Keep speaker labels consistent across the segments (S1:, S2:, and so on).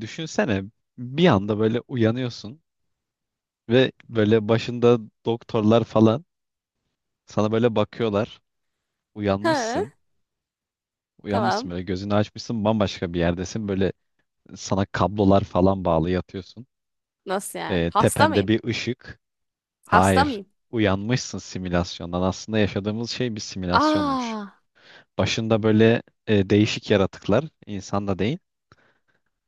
S1: Düşünsene bir anda böyle uyanıyorsun ve böyle başında doktorlar falan sana böyle bakıyorlar. Uyanmışsın.
S2: Ha,
S1: Uyanmışsın
S2: tamam.
S1: böyle gözünü açmışsın bambaşka bir yerdesin. Böyle sana kablolar falan bağlı yatıyorsun.
S2: Nasıl yani? Hasta
S1: Tepende
S2: mıyım?
S1: bir ışık.
S2: Hasta
S1: Hayır.
S2: mıyım?
S1: Uyanmışsın simülasyondan. Aslında yaşadığımız şey bir simülasyonmuş.
S2: Aa,
S1: Başında böyle değişik yaratıklar, insan da değil.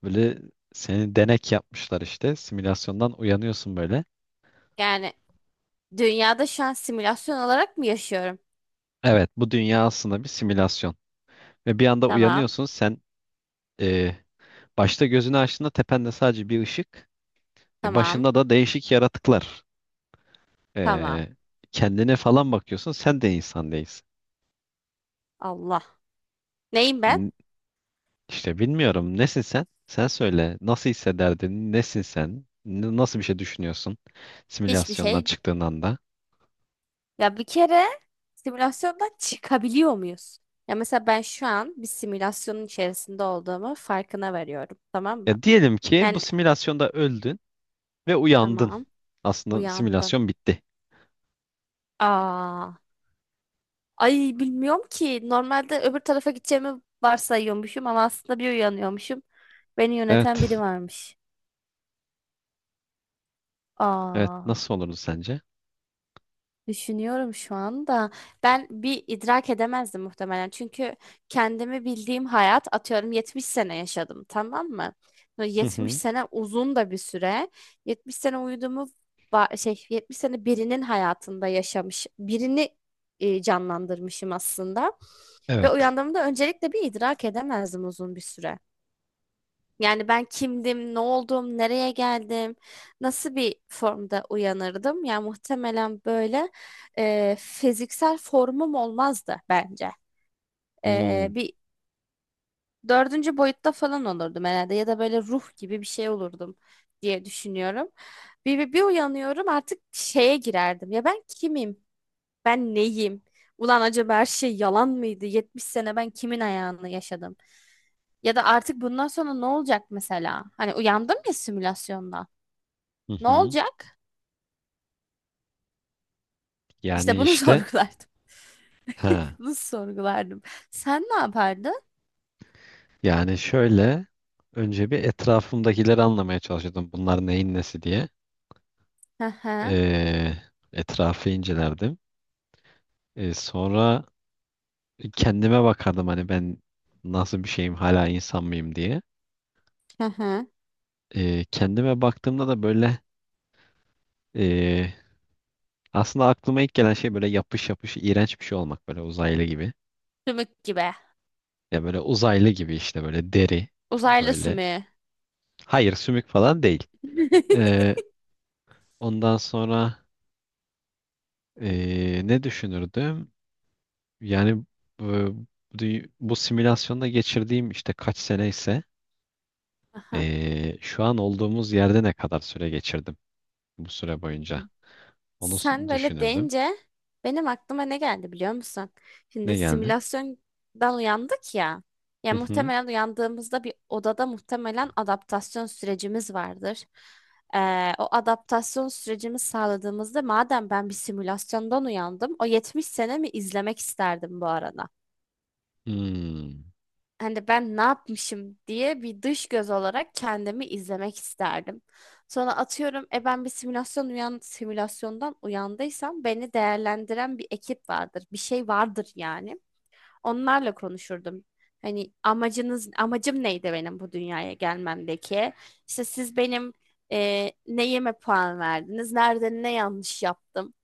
S1: Böyle seni denek yapmışlar işte. Simülasyondan uyanıyorsun böyle.
S2: yani dünyada şu an simülasyon olarak mı yaşıyorum?
S1: Evet, bu dünya aslında bir simülasyon. Ve bir anda
S2: Tamam,
S1: uyanıyorsun sen. e, Başta gözünü açtığında tepende sadece bir ışık.
S2: tamam,
S1: Başında da değişik yaratıklar.
S2: tamam.
S1: E, Kendine falan bakıyorsun, sen de insan değilsin.
S2: Allah. Neyim ben?
S1: N- İşte bilmiyorum, nesin sen? Sen söyle, nasıl hissederdin? Nesin sen? Nasıl bir şey düşünüyorsun
S2: Hiçbir
S1: simülasyondan
S2: şey.
S1: çıktığın anda?
S2: Ya bir kere simülasyondan çıkabiliyor muyuz? Ya mesela ben şu an bir simülasyonun içerisinde olduğumu farkına varıyorum. Tamam mı?
S1: Ya diyelim ki bu
S2: Yani
S1: simülasyonda öldün ve uyandın.
S2: tamam,
S1: Aslında
S2: uyandım.
S1: simülasyon bitti.
S2: Aa, ay bilmiyorum ki. Normalde öbür tarafa gideceğimi varsayıyormuşum ama aslında bir uyanıyormuşum. Beni yöneten
S1: Evet.
S2: biri varmış.
S1: Evet.
S2: Aa,
S1: Nasıl olurdu sence?
S2: düşünüyorum şu anda. Ben bir idrak edemezdim muhtemelen. Çünkü kendimi bildiğim hayat atıyorum 70 sene yaşadım, tamam mı? Böyle
S1: Hı
S2: 70
S1: hı.
S2: sene uzun da bir süre. 70 sene uyuduğumu 70 sene birinin hayatında yaşamış, birini canlandırmışım aslında. Ve
S1: Evet.
S2: uyandığımda öncelikle bir idrak edemezdim uzun bir süre. Yani ben kimdim, ne oldum, nereye geldim, nasıl bir formda uyanırdım? Yani muhtemelen böyle fiziksel formum olmazdı bence.
S1: Hmm.
S2: Bir dördüncü boyutta falan olurdum herhalde ya da böyle ruh gibi bir şey olurdum diye düşünüyorum. Bir uyanıyorum artık şeye girerdim. Ya ben kimim? Ben neyim? Ulan acaba her şey yalan mıydı? 70 sene ben kimin ayağını yaşadım? Ya da artık bundan sonra ne olacak mesela? Hani uyandım ya simülasyonda.
S1: Hı
S2: Ne
S1: hı.
S2: olacak? İşte
S1: Yani
S2: bunu
S1: işte
S2: sorgulardım.
S1: ha,
S2: Bunu sorgulardım. Sen ne yapardın?
S1: yani şöyle, önce bir etrafımdakileri anlamaya çalışıyordum. Bunlar neyin nesi diye.
S2: Hı hı.
S1: Ee, Etrafı incelerdim. Sonra kendime bakardım, hani ben nasıl bir şeyim, hala insan mıyım diye.
S2: Hı hı.
S1: Kendime baktığımda da böyle ee, aslında aklıma ilk gelen şey böyle yapış yapış iğrenç bir şey olmak, böyle uzaylı gibi.
S2: Sümük gibi.
S1: Ya böyle uzaylı gibi işte, böyle deri
S2: Uzaylı
S1: böyle.
S2: sümüğü.
S1: Hayır, sümük falan değil. Ee, ondan sonra Ne düşünürdüm? Yani e, bu, bu simülasyonda geçirdiğim işte kaç sene ise,
S2: Aha.
S1: şu an olduğumuz yerde ne kadar süre geçirdim bu süre boyunca? Onu
S2: Sen böyle
S1: düşünürdüm.
S2: deyince benim aklıma ne geldi biliyor musun?
S1: Ne
S2: Şimdi
S1: geldi?
S2: simülasyondan uyandık ya.
S1: Hı
S2: Ya
S1: hı.
S2: muhtemelen uyandığımızda bir odada muhtemelen adaptasyon sürecimiz vardır. O adaptasyon sürecimi sağladığımızda madem ben bir simülasyondan uyandım, o 70 mi izlemek isterdim bu arada,
S1: Hmm,
S2: hani ben ne yapmışım diye bir dış göz olarak kendimi izlemek isterdim. Sonra atıyorum ben bir simülasyondan uyandıysam beni değerlendiren bir ekip vardır. Bir şey vardır yani onlarla konuşurdum. Amacım neydi benim bu dünyaya gelmemdeki? İşte siz benim neyime puan verdiniz, nerede ne yanlış yaptım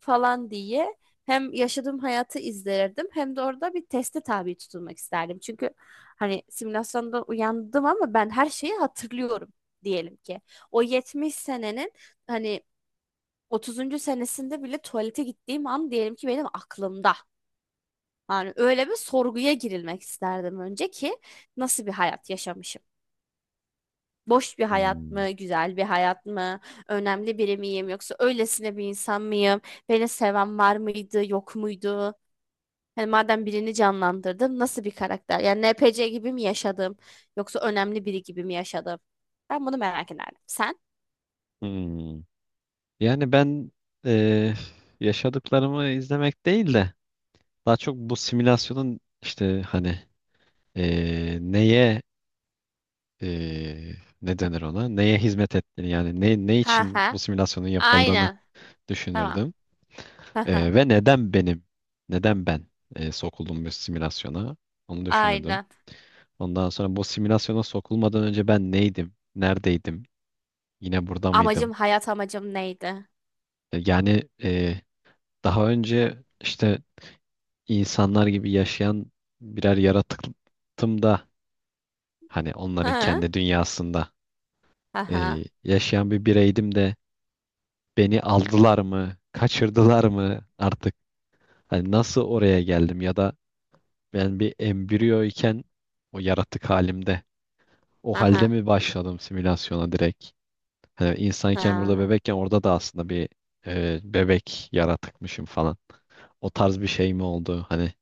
S2: falan diye hem yaşadığım hayatı izlerdim hem de orada bir teste tabi tutulmak isterdim. Çünkü hani simülasyonda uyandım ama ben her şeyi hatırlıyorum diyelim ki. O 70 senenin hani 30. senesinde bile tuvalete gittiğim an diyelim ki benim aklımda. Yani öyle bir sorguya girilmek isterdim önce ki nasıl bir hayat yaşamışım? Boş bir hayat
S1: hmm,
S2: mı, güzel bir hayat mı, önemli biri miyim yoksa öylesine bir insan mıyım? Beni seven var mıydı, yok muydu? Hani madem birini canlandırdım nasıl bir karakter? Yani NPC gibi mi yaşadım yoksa önemli biri gibi mi yaşadım? Ben bunu merak ederdim. Sen?
S1: hmm. Yani ben e, yaşadıklarımı izlemek değil de, daha çok bu simülasyonun işte, hani neye eee, ne denir ona? Neye hizmet ettiğini, yani ne, ne
S2: Ha
S1: için
S2: ha.
S1: bu simülasyonun yapıldığını
S2: Aynen. Tamam.
S1: düşünürdüm.
S2: Ha ha.
S1: Ve neden benim, neden ben sokuldum bu simülasyona, onu düşünürdüm.
S2: Aynen.
S1: Ondan sonra bu simülasyona sokulmadan önce ben neydim, neredeydim, yine burada
S2: Amacım,
S1: mıydım?
S2: hayat amacım neydi?
S1: Yani daha önce işte insanlar gibi yaşayan birer yaratıktım da hani
S2: Ha
S1: onların
S2: ha.
S1: kendi dünyasında
S2: Ha ha.
S1: yaşayan bir bireydim de. Beni aldılar mı? Kaçırdılar mı artık? Hani nasıl oraya geldim, ya da ben bir embriyo iken, o yaratık halimde, o
S2: Ha
S1: halde
S2: ha.
S1: mi başladım simülasyona direkt? Hani insanken burada
S2: Ha.
S1: bebekken orada da aslında bir bebek yaratıkmışım falan. O tarz bir şey mi oldu? Hani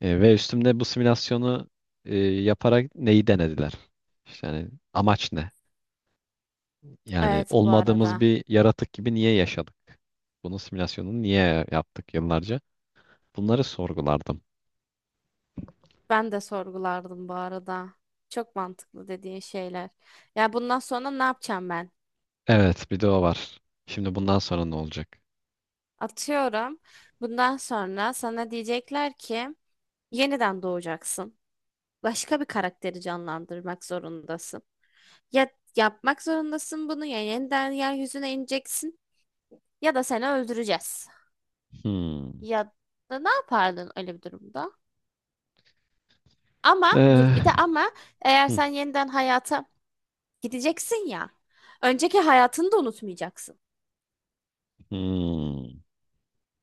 S1: ve üstümde bu simülasyonu yaparak neyi denediler? İşte hani amaç ne? Yani
S2: Evet bu
S1: olmadığımız
S2: arada.
S1: bir yaratık gibi niye yaşadık? Bunun simülasyonunu niye yaptık yıllarca? Bunları sorgulardım.
S2: Ben de sorgulardım bu arada. Çok mantıklı dediğin şeyler. Ya bundan sonra ne yapacağım ben?
S1: Evet, bir de o var. Şimdi bundan sonra ne olacak?
S2: Atıyorum. Bundan sonra sana diyecekler ki yeniden doğacaksın. Başka bir karakteri canlandırmak zorundasın. Ya yapmak zorundasın bunu, ya yeniden yeryüzüne ineceksin ya da seni öldüreceğiz.
S1: Hmm.
S2: Ya da ne yapardın öyle bir durumda? Ama dur
S1: Ee,
S2: bir de ama eğer
S1: hmm,
S2: sen yeniden hayata gideceksin ya. Önceki hayatını da unutmayacaksın.
S1: hmm.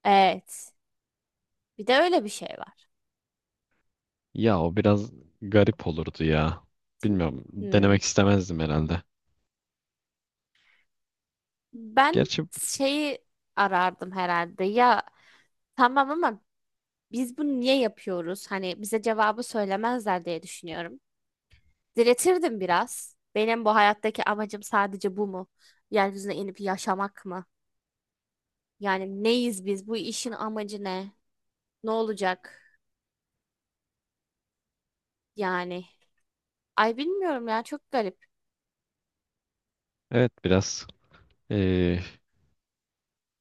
S2: Evet. Bir de öyle bir şey var.
S1: Ya o biraz garip olurdu ya. Bilmiyorum.
S2: Hmm.
S1: Denemek istemezdim herhalde.
S2: Ben
S1: Gerçi
S2: şeyi arardım herhalde. Ya tamam ama biz bunu niye yapıyoruz? Hani bize cevabı söylemezler diye düşünüyorum. Diretirdim biraz. Benim bu hayattaki amacım sadece bu mu? Yeryüzüne inip yaşamak mı? Yani neyiz biz? Bu işin amacı ne? Ne olacak? Yani. Ay bilmiyorum ya, çok garip.
S1: evet, biraz ee,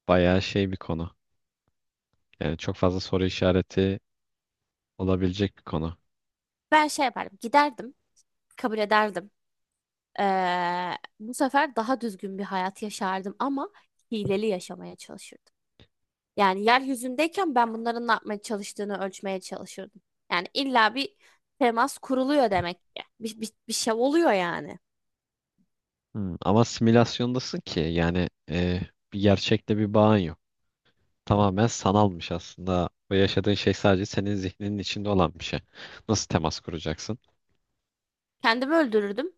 S1: bayağı şey bir konu. Yani çok fazla soru işareti olabilecek bir konu.
S2: Ben şey yapardım. Giderdim. Kabul ederdim. Bu sefer daha düzgün bir hayat yaşardım ama hileli yaşamaya çalışırdım. Yani yeryüzündeyken ben bunların ne yapmaya çalıştığını ölçmeye çalışırdım. Yani illa bir temas kuruluyor demek ki. Bir şey oluyor yani.
S1: Hmm. Ama simülasyondasın ki, yani bir gerçekte bir bağın yok. Tamamen sanalmış aslında. Ve yaşadığın şey sadece senin zihninin içinde olan bir şey. Nasıl temas kuracaksın?
S2: Kendimi öldürürdüm.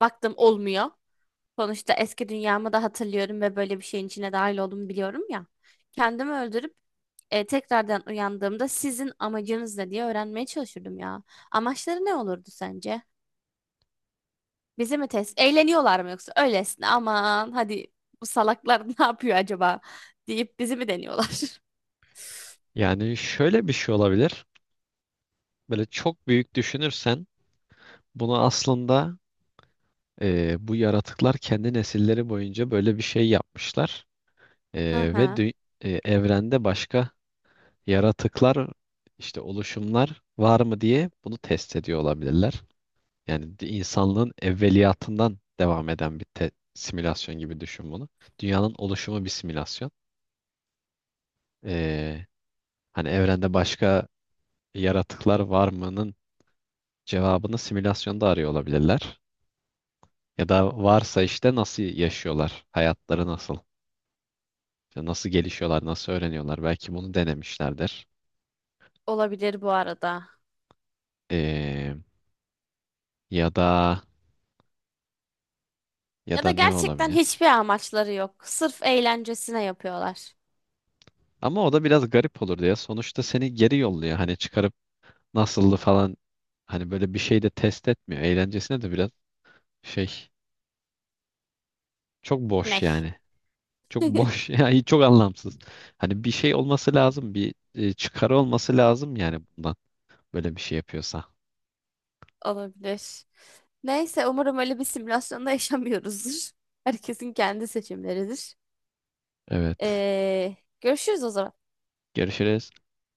S2: Baktım olmuyor. Sonuçta eski dünyamı da hatırlıyorum ve böyle bir şeyin içine dahil olduğumu biliyorum ya. Kendimi öldürüp tekrardan uyandığımda sizin amacınız ne diye öğrenmeye çalışırdım ya. Amaçları ne olurdu sence? Bizi mi test? Eğleniyorlar mı yoksa öylesine aman hadi bu salaklar ne yapıyor acaba deyip bizi mi deniyorlar?
S1: Yani şöyle bir şey olabilir. Böyle çok büyük düşünürsen, bunu aslında bu yaratıklar kendi nesilleri boyunca böyle bir şey yapmışlar. E,
S2: Hı
S1: ve
S2: hı.
S1: dü- Evrende başka yaratıklar, işte oluşumlar var mı diye bunu test ediyor olabilirler. Yani insanlığın evveliyatından devam eden bir simülasyon gibi düşün bunu. Dünyanın oluşumu bir simülasyon. Ee, Hani evrende başka yaratıklar var mı'nın cevabını simülasyonda arıyor olabilirler. Ya da varsa işte nasıl yaşıyorlar, hayatları nasıl, işte nasıl gelişiyorlar, nasıl öğreniyorlar. Belki bunu denemişlerdir.
S2: Olabilir bu arada.
S1: Ee, Ya da, ya
S2: Ya da
S1: da ne
S2: gerçekten
S1: olabilir?
S2: hiçbir amaçları yok. Sırf eğlencesine yapıyorlar.
S1: Ama o da biraz garip olur diye. Sonuçta seni geri yolluyor. Hani çıkarıp nasıldı falan. Hani böyle bir şey de test etmiyor. Eğlencesine de biraz şey, çok boş
S2: Ney?
S1: yani. Çok boş yani çok anlamsız. Hani bir şey olması lazım, bir çıkarı olması lazım yani bundan, böyle bir şey yapıyorsa.
S2: Olabilir. Neyse umarım öyle bir simülasyonda yaşamıyoruzdur. Herkesin kendi seçimleridir.
S1: Evet.
S2: Görüşürüz o zaman.
S1: Görüşürüz.